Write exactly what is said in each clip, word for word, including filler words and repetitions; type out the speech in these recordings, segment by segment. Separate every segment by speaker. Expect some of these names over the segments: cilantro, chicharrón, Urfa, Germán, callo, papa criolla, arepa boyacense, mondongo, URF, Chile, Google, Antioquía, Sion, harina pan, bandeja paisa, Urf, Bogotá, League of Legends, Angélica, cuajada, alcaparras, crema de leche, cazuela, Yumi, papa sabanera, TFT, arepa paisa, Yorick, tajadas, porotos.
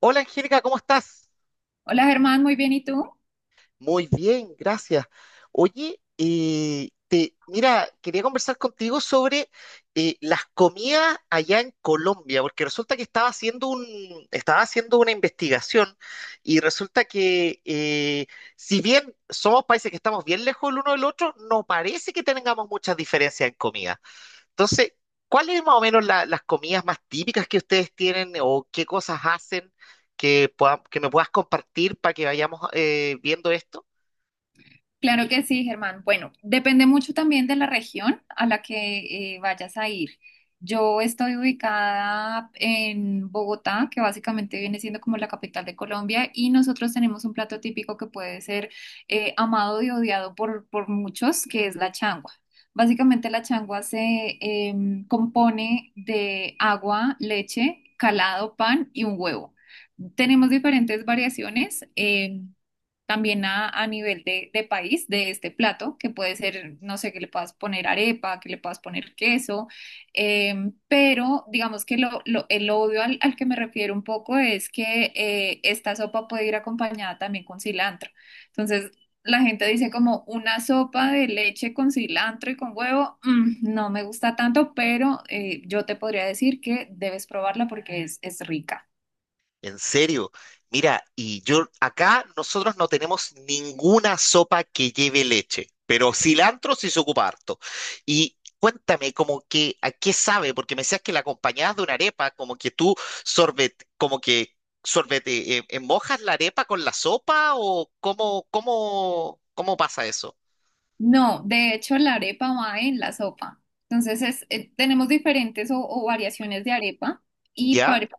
Speaker 1: Hola Angélica, ¿cómo estás?
Speaker 2: Hola Germán, muy bien, ¿y tú?
Speaker 1: Muy bien, gracias. Oye, eh, te, mira, quería conversar contigo sobre eh, las comidas allá en Colombia, porque resulta que estaba haciendo un, estaba haciendo una investigación y resulta que eh, si bien somos países que estamos bien lejos el uno del otro, no parece que tengamos muchas diferencias en comida. Entonces, ¿cuáles más o menos la- las comidas más típicas que ustedes tienen o qué cosas hacen que, pueda- que me puedas compartir para que vayamos eh, viendo esto?
Speaker 2: Claro que sí, Germán. Bueno, depende mucho también de la región a la que eh, vayas a ir. Yo estoy ubicada en Bogotá, que básicamente viene siendo como la capital de Colombia, y nosotros tenemos un plato típico que puede ser eh, amado y odiado por, por muchos, que es la changua. Básicamente la changua se em, compone de agua, leche, calado, pan y un huevo. Tenemos diferentes variaciones. em, También a, a nivel de, de país de este plato, que puede ser, no sé, que le puedas poner arepa, que le puedas poner queso, em, pero digamos que lo, lo- el odio al, al que me refiero un poco es que eh, esta sopa puede ir acompañada también con cilantro. Entonces, la gente dice como una sopa de leche con cilantro y con huevo, mm, no me gusta tanto, pero eh, yo te podría decir que debes probarla porque es, es rica.
Speaker 1: En serio. Mira, y yo acá nosotros no tenemos ninguna sopa que lleve leche, pero cilantro sí se ocupa harto. Y cuéntame, como que a qué sabe, porque me decías que la acompañabas de una arepa, como que tú sorbet, como que sorbete, eh, eh, mojas la arepa con la sopa o cómo, cómo, cómo pasa eso.
Speaker 2: No, de hecho la arepa va en la sopa. Entonces es, eh, tenemos diferentes o, o variaciones de arepa y
Speaker 1: ¿Ya?
Speaker 2: par-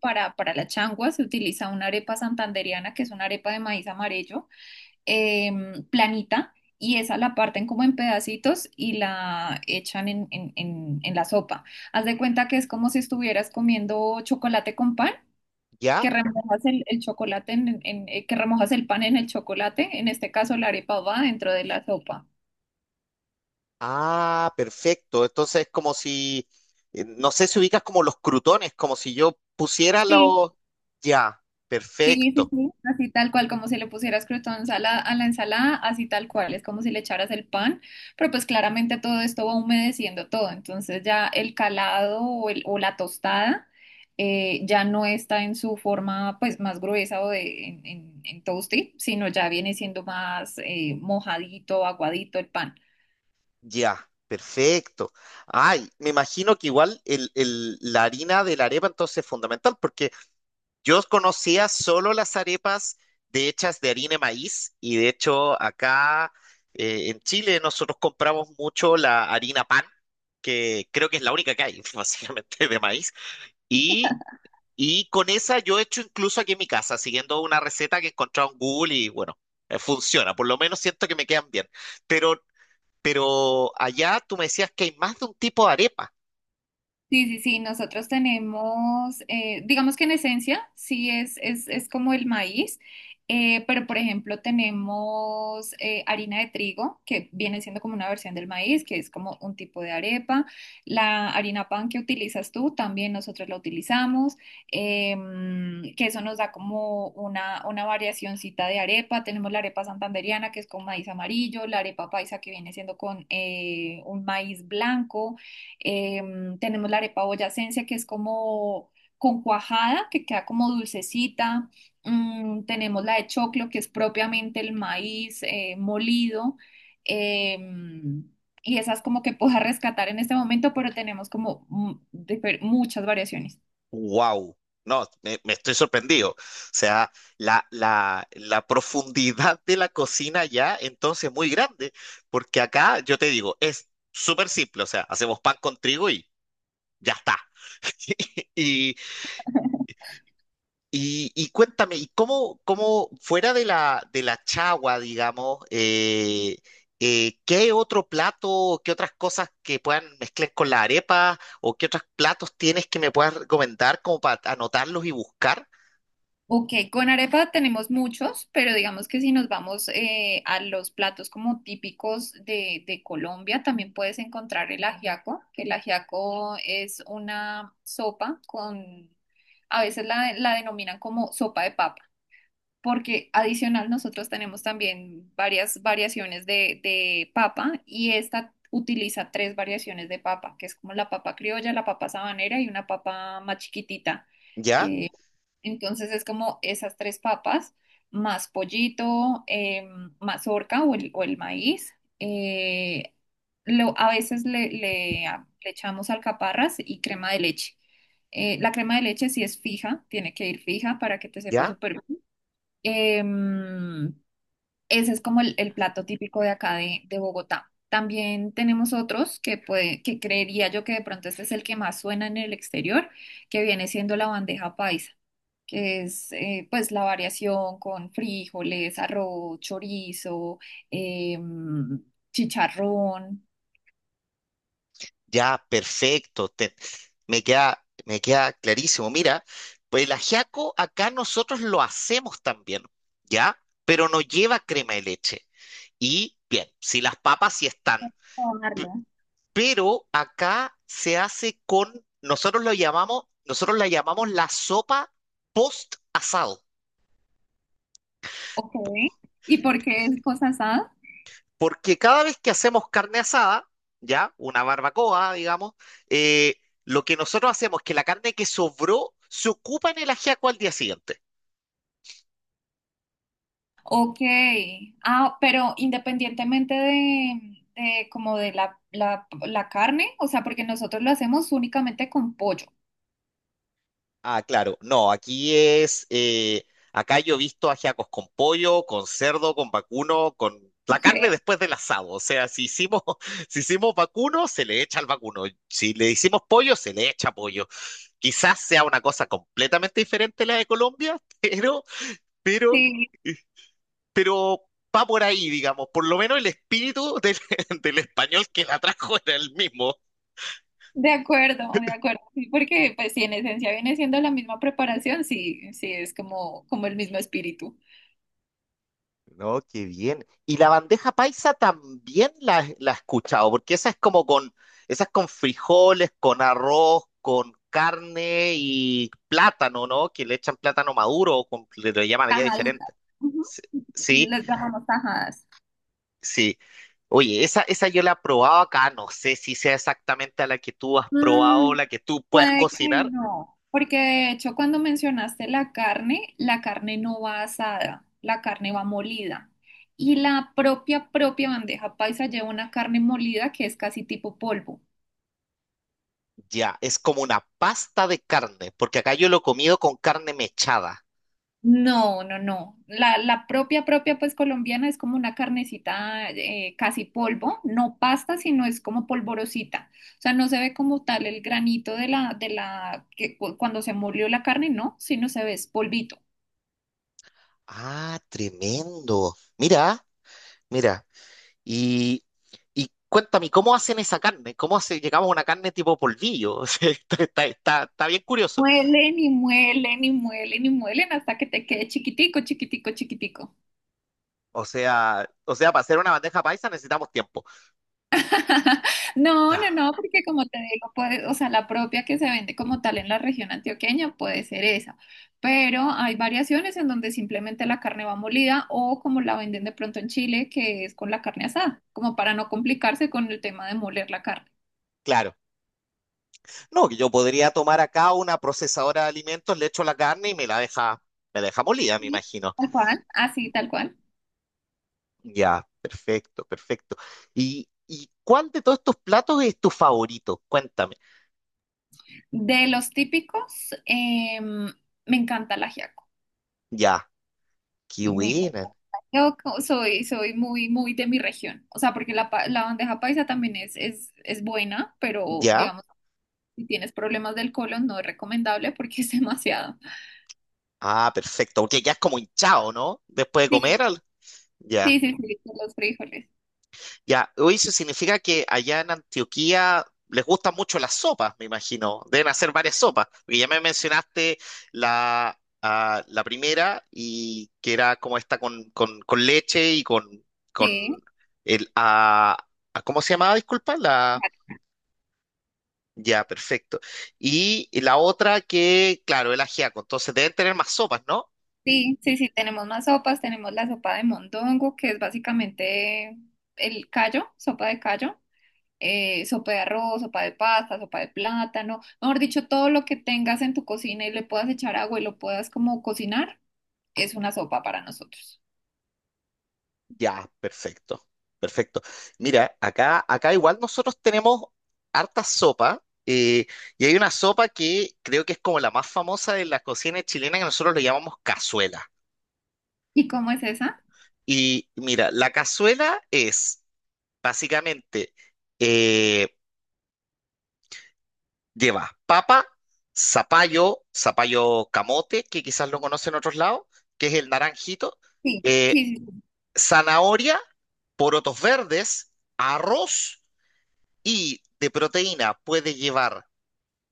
Speaker 2: para, para, la changua se utiliza una arepa santandereana que es una arepa de maíz amarillo. Em, planita, y esa la parten como en pedacitos y la echan en, en, en, en la sopa. Haz de cuenta que es como si estuvieras comiendo chocolate con pan, que
Speaker 1: ¿Ya?
Speaker 2: remojas el, el chocolate en, en- eh, que remojas el pan en el chocolate, en este caso la arepa va dentro de la sopa.
Speaker 1: Ah, perfecto. Entonces es como si, eh, no sé si ubicas como los crutones, como si yo pusiera
Speaker 2: Sí.
Speaker 1: los... Ya,
Speaker 2: Sí, sí,
Speaker 1: perfecto,
Speaker 2: sí, así tal cual, como si le pusieras croutons a la, a la ensalada, así tal cual, es como si le echaras el pan, pero pues claramente todo esto va humedeciendo todo, entonces ya el calado o, el- o la tostada eh, ya no está en su forma pues más gruesa o de, en, en, en toasty, sino ya viene siendo más eh, mojadito, aguadito el pan.
Speaker 1: ya, perfecto. Ay, me imagino que igual el, el- la harina de la arepa entonces es fundamental, porque yo conocía solo las arepas de hechas de harina de maíz, y de hecho acá, eh, en Chile nosotros compramos mucho la harina pan, que creo que es la única que hay, básicamente de maíz. Y Y con esa yo he hecho incluso aquí en mi casa, siguiendo una receta que he encontrado en Google y bueno, eh, funciona. Por lo menos siento que me quedan bien. Pero, pero allá tú me decías que hay más de un tipo de arepa.
Speaker 2: Sí, sí, sí, nosotros tenemos, eh, digamos que en esencia, sí es, es, es como el maíz, eh, pero por ejemplo tenemos eh, harina de trigo, que viene siendo como una versión del maíz, que es como un tipo de arepa. La harina pan que utilizas tú, también nosotros la utilizamos, em, que eso nos da como una, una variacioncita de arepa. Tenemos la arepa santandereana, que es con maíz amarillo, la arepa paisa, que viene siendo con eh, un maíz blanco. Em, tenemos la arepa boyacense, que es como con cuajada, que queda como dulcecita. Mm, tenemos la de choclo, que es propiamente el maíz eh, molido. Em, y esas como que puedo rescatar en este momento, pero tenemos como mm, difer- muchas variaciones.
Speaker 1: ¡Wow! No, me, me estoy sorprendido. O sea, la, la, la profundidad de la cocina allá entonces es muy grande. Porque acá, yo te digo, es súper simple. O sea, hacemos pan con trigo y ya está. y Y, y cuéntame, ¿y cómo, cómo fuera de la, de la chagua, digamos, eh, eh, qué otro plato, qué otras cosas que puedan mezclar con la arepa o qué otros platos tienes que me puedas recomendar como para anotarlos y buscar?
Speaker 2: Ok, con arepa tenemos muchos, pero digamos que si nos vamos eh, a los platos como típicos de, de Colombia, también puedes encontrar el ajiaco, que el ajiaco es una sopa con, a veces la, la denominan como sopa de papa, porque adicional nosotros tenemos también varias variaciones de, de papa y esta utiliza tres variaciones de papa, que es como la papa criolla, la papa sabanera y una papa más chiquitita.
Speaker 1: ¿Ya?
Speaker 2: eh, entonces es como esas tres papas, más pollito, eh, mazorca o el, o el maíz. eh, lo- a veces le, le- a- le echamos alcaparras y crema de leche. Eh, la crema de leche sí es fija, tiene que ir fija para que te sepa
Speaker 1: ¿Ya?
Speaker 2: súper bien. Em, Ese es como el, el plato típico de acá de, de Bogotá. También tenemos otros que, puede, que creería yo que de pronto este es el que más suena en el exterior, que viene siendo la bandeja paisa, que es eh, pues la variación con frijoles, arroz, chorizo, em, chicharrón.
Speaker 1: Ya, perfecto. Te- me queda, me queda clarísimo. Mira, pues el ajiaco acá nosotros lo hacemos también, ¿ya? Pero no lleva crema de leche. Y bien, si las papas sí están.
Speaker 2: Probarlo.
Speaker 1: Pero acá se hace con, nosotros lo llamamos, nosotros la llamamos la sopa post asado,
Speaker 2: Ok. ¿Y por qué es cosa asada?
Speaker 1: porque cada vez que hacemos carne asada, ya, una barbacoa, digamos, eh, lo que nosotros hacemos es que la carne que sobró se ocupa en el ajiaco al día siguiente.
Speaker 2: Ok. Ah, pero independientemente de, de como de la, la, la carne, o sea, porque nosotros lo hacemos únicamente con pollo.
Speaker 1: Ah, claro. No, aquí es. Eh, acá yo he visto ajiacos con pollo, con cerdo, con vacuno, con la
Speaker 2: Ok,
Speaker 1: carne después del asado. O sea, si hicimos, si hicimos vacuno, se le echa al vacuno. Si le hicimos pollo, se le echa pollo. Quizás sea una cosa completamente diferente a la de Colombia, pero, pero,
Speaker 2: sí,
Speaker 1: eh, pero va por ahí, digamos. Por lo menos el espíritu del, del español que la trajo era el mismo.
Speaker 2: de acuerdo, de acuerdo. Sí, porque pues si en esencia viene siendo la misma preparación, sí, sí, es como, como el mismo espíritu.
Speaker 1: No, qué bien. Y la bandeja paisa también la, la he escuchado, porque esa es como con, esa es con frijoles, con arroz, con carne y plátano, ¿no? Que le echan plátano maduro, o con- le, le llaman allá
Speaker 2: Tajaditas.
Speaker 1: diferente.
Speaker 2: Ujú.
Speaker 1: Sí, sí.
Speaker 2: Les llamamos tajadas.
Speaker 1: sí. Oye, esa, esa yo la he probado acá, no sé si sea exactamente a la que tú has probado o
Speaker 2: Mm,
Speaker 1: la que tú puedes
Speaker 2: puede que
Speaker 1: cocinar.
Speaker 2: no, porque de hecho cuando mencionaste la carne, la carne no va asada, la carne va molida. Y la propia, propia bandeja paisa lleva una carne molida que es casi tipo polvo.
Speaker 1: Ya, es como una pasta de carne, porque acá yo lo he comido con carne mechada.
Speaker 2: No, no, no. La, la propia, propia, pues colombiana es como una carnecita eh, casi polvo, no pasta, sino es como polvorosita. O sea, no se ve como tal el granito de la, de la, que cu- cuando se molió la carne, no, sino se ve es polvito.
Speaker 1: Ah, tremendo. Mira. Mira, y, y cuéntame, ¿cómo hacen esa carne? ¿Cómo hace, llegamos a una carne tipo polvillo? O sea, está, está, está- está bien curioso.
Speaker 2: Muelen y muelen y muelen y muelen hasta que te quede chiquitico, chiquitico, chiquitico.
Speaker 1: O sea, o sea, para hacer una bandeja paisa necesitamos tiempo.
Speaker 2: No, no,
Speaker 1: Ah,
Speaker 2: no, porque como te digo, puede, o sea, la propia que se vende como tal en la región antioqueña puede ser esa, pero hay variaciones en donde simplemente la carne va molida o como la venden de pronto en Chile, que es con la carne asada, como para no complicarse con el tema de moler la carne.
Speaker 1: claro. No, que yo podría tomar acá una procesadora de alimentos, le echo la carne y me la deja, me la deja molida, me
Speaker 2: Sí,
Speaker 1: imagino.
Speaker 2: tal cual, así tal cual.
Speaker 1: Ya, perfecto, perfecto. ¿Y, y cuál de todos estos platos es tu favorito? Cuéntame.
Speaker 2: De los típicos, em, me encanta el ajiaco.
Speaker 1: Ya, qué
Speaker 2: Y Me- me-
Speaker 1: buena.
Speaker 2: yo co- soy, soy muy, muy de mi región. O sea, porque la, pa- la bandeja paisa también es, es, es buena, pero
Speaker 1: Ya.
Speaker 2: digamos, si tienes problemas del colon, no es recomendable porque es demasiado.
Speaker 1: Ah, perfecto, porque ya es como hinchado, ¿no? Después de
Speaker 2: Sí,
Speaker 1: comer, ya,
Speaker 2: sí, sí, sí, por los frijoles.
Speaker 1: ya. Oye, eso significa que allá en Antioquía les gustan mucho las sopas, me imagino. Deben hacer varias sopas. Porque ya me mencionaste la, ah, la primera y que era como esta con, con, con leche y con, con
Speaker 2: Sí,
Speaker 1: el... ah, ah, ¿cómo se llamaba? Disculpa, la... Ya, perfecto. Y la otra que, claro, el ajiaco. Entonces deben tener más sopas, ¿no?
Speaker 2: sí, sí, sí, tenemos más sopas, tenemos la sopa de mondongo, que es básicamente el callo, sopa de callo, eh, sopa de arroz, sopa de pasta, sopa de plátano, mejor dicho, todo lo que tengas en tu cocina y le puedas echar agua y lo puedas como cocinar, es una sopa para nosotros.
Speaker 1: Ya, perfecto, perfecto. Mira, acá, acá igual nosotros tenemos harta sopa, eh, y hay una sopa que creo que es como la más famosa de la cocina chilena que nosotros le llamamos cazuela.
Speaker 2: ¿Y cómo es esa?
Speaker 1: Y mira, la cazuela es básicamente, eh, lleva papa, zapallo, zapallo camote, que quizás lo conocen en otros lados, que es el naranjito,
Speaker 2: Sí,
Speaker 1: eh,
Speaker 2: sí, sí, sí.
Speaker 1: zanahoria, porotos verdes, arroz. Y de proteína puede llevar,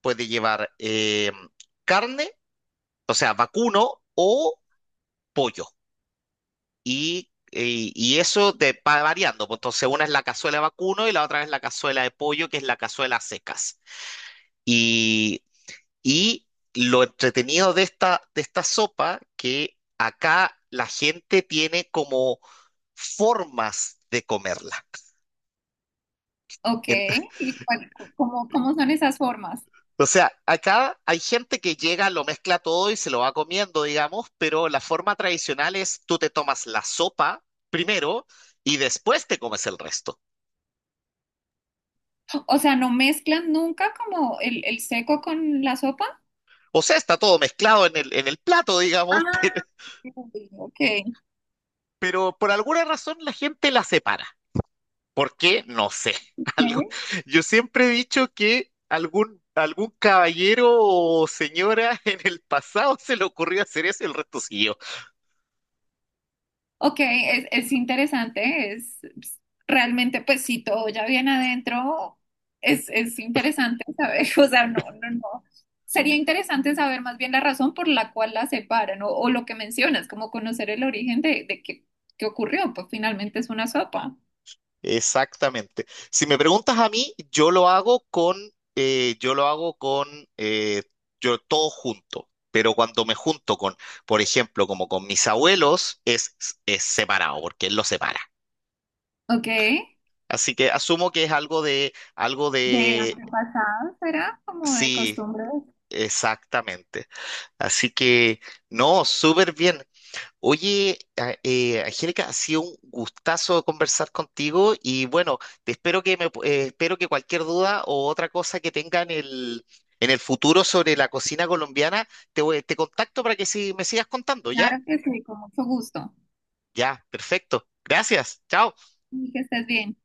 Speaker 1: puede llevar eh, carne, o sea, vacuno o pollo. Y, y- y eso te va variando, pues. Entonces, una es la cazuela de vacuno y la otra es la cazuela de pollo, que es la cazuela a secas. Y, y lo entretenido de esta, de esta sopa, que acá la gente tiene como formas de comerla.
Speaker 2: Ok,
Speaker 1: En-
Speaker 2: ¿y cuál- ¿cómo, cómo son esas formas?
Speaker 1: O sea, acá hay gente que llega, lo mezcla todo y se lo va comiendo, digamos, pero la forma tradicional es tú te tomas la sopa primero y después te comes el resto.
Speaker 2: O sea, ¿no mezclan nunca como el, el seco con la sopa?
Speaker 1: O sea, está todo mezclado en el, en el plato, digamos, pero,
Speaker 2: Ah, ok.
Speaker 1: pero por alguna razón la gente la separa. ¿Por qué? No sé. Algo- Yo siempre he dicho que algún, algún caballero o señora en el pasado se le ocurrió hacer eso y el resto siguió.
Speaker 2: Ok, es, es interesante, es es realmente, pues si todo ya viene adentro, es, es interesante saber, o sea, no, no, no. Sería interesante saber más bien la razón por la cual la separan o, o lo que mencionas, como conocer el origen de, de qué, qué ocurrió, pues finalmente es una sopa.
Speaker 1: Exactamente. Si me preguntas a mí, yo lo hago con, eh, yo lo hago con, eh, yo todo junto. Pero cuando me junto con, por ejemplo, como con mis abuelos, es, es separado, porque él lo separa.
Speaker 2: Ok, de
Speaker 1: Así que asumo que es algo de, algo de,
Speaker 2: antepasados será como de
Speaker 1: sí,
Speaker 2: costumbre.
Speaker 1: exactamente. Así que, no, súper bien. Oye, a- eh, Angélica, ha sido un gustazo conversar contigo y bueno, te espero que me, pu- eh, espero que cualquier duda o otra cosa que tenga en el, en el futuro sobre la cocina colombiana, te, voy- te contacto para que si me sigas contando, ¿ya?
Speaker 2: Claro que sí, con mucho gusto.
Speaker 1: Ya, perfecto. Gracias. Chao.
Speaker 2: Y que estés bien.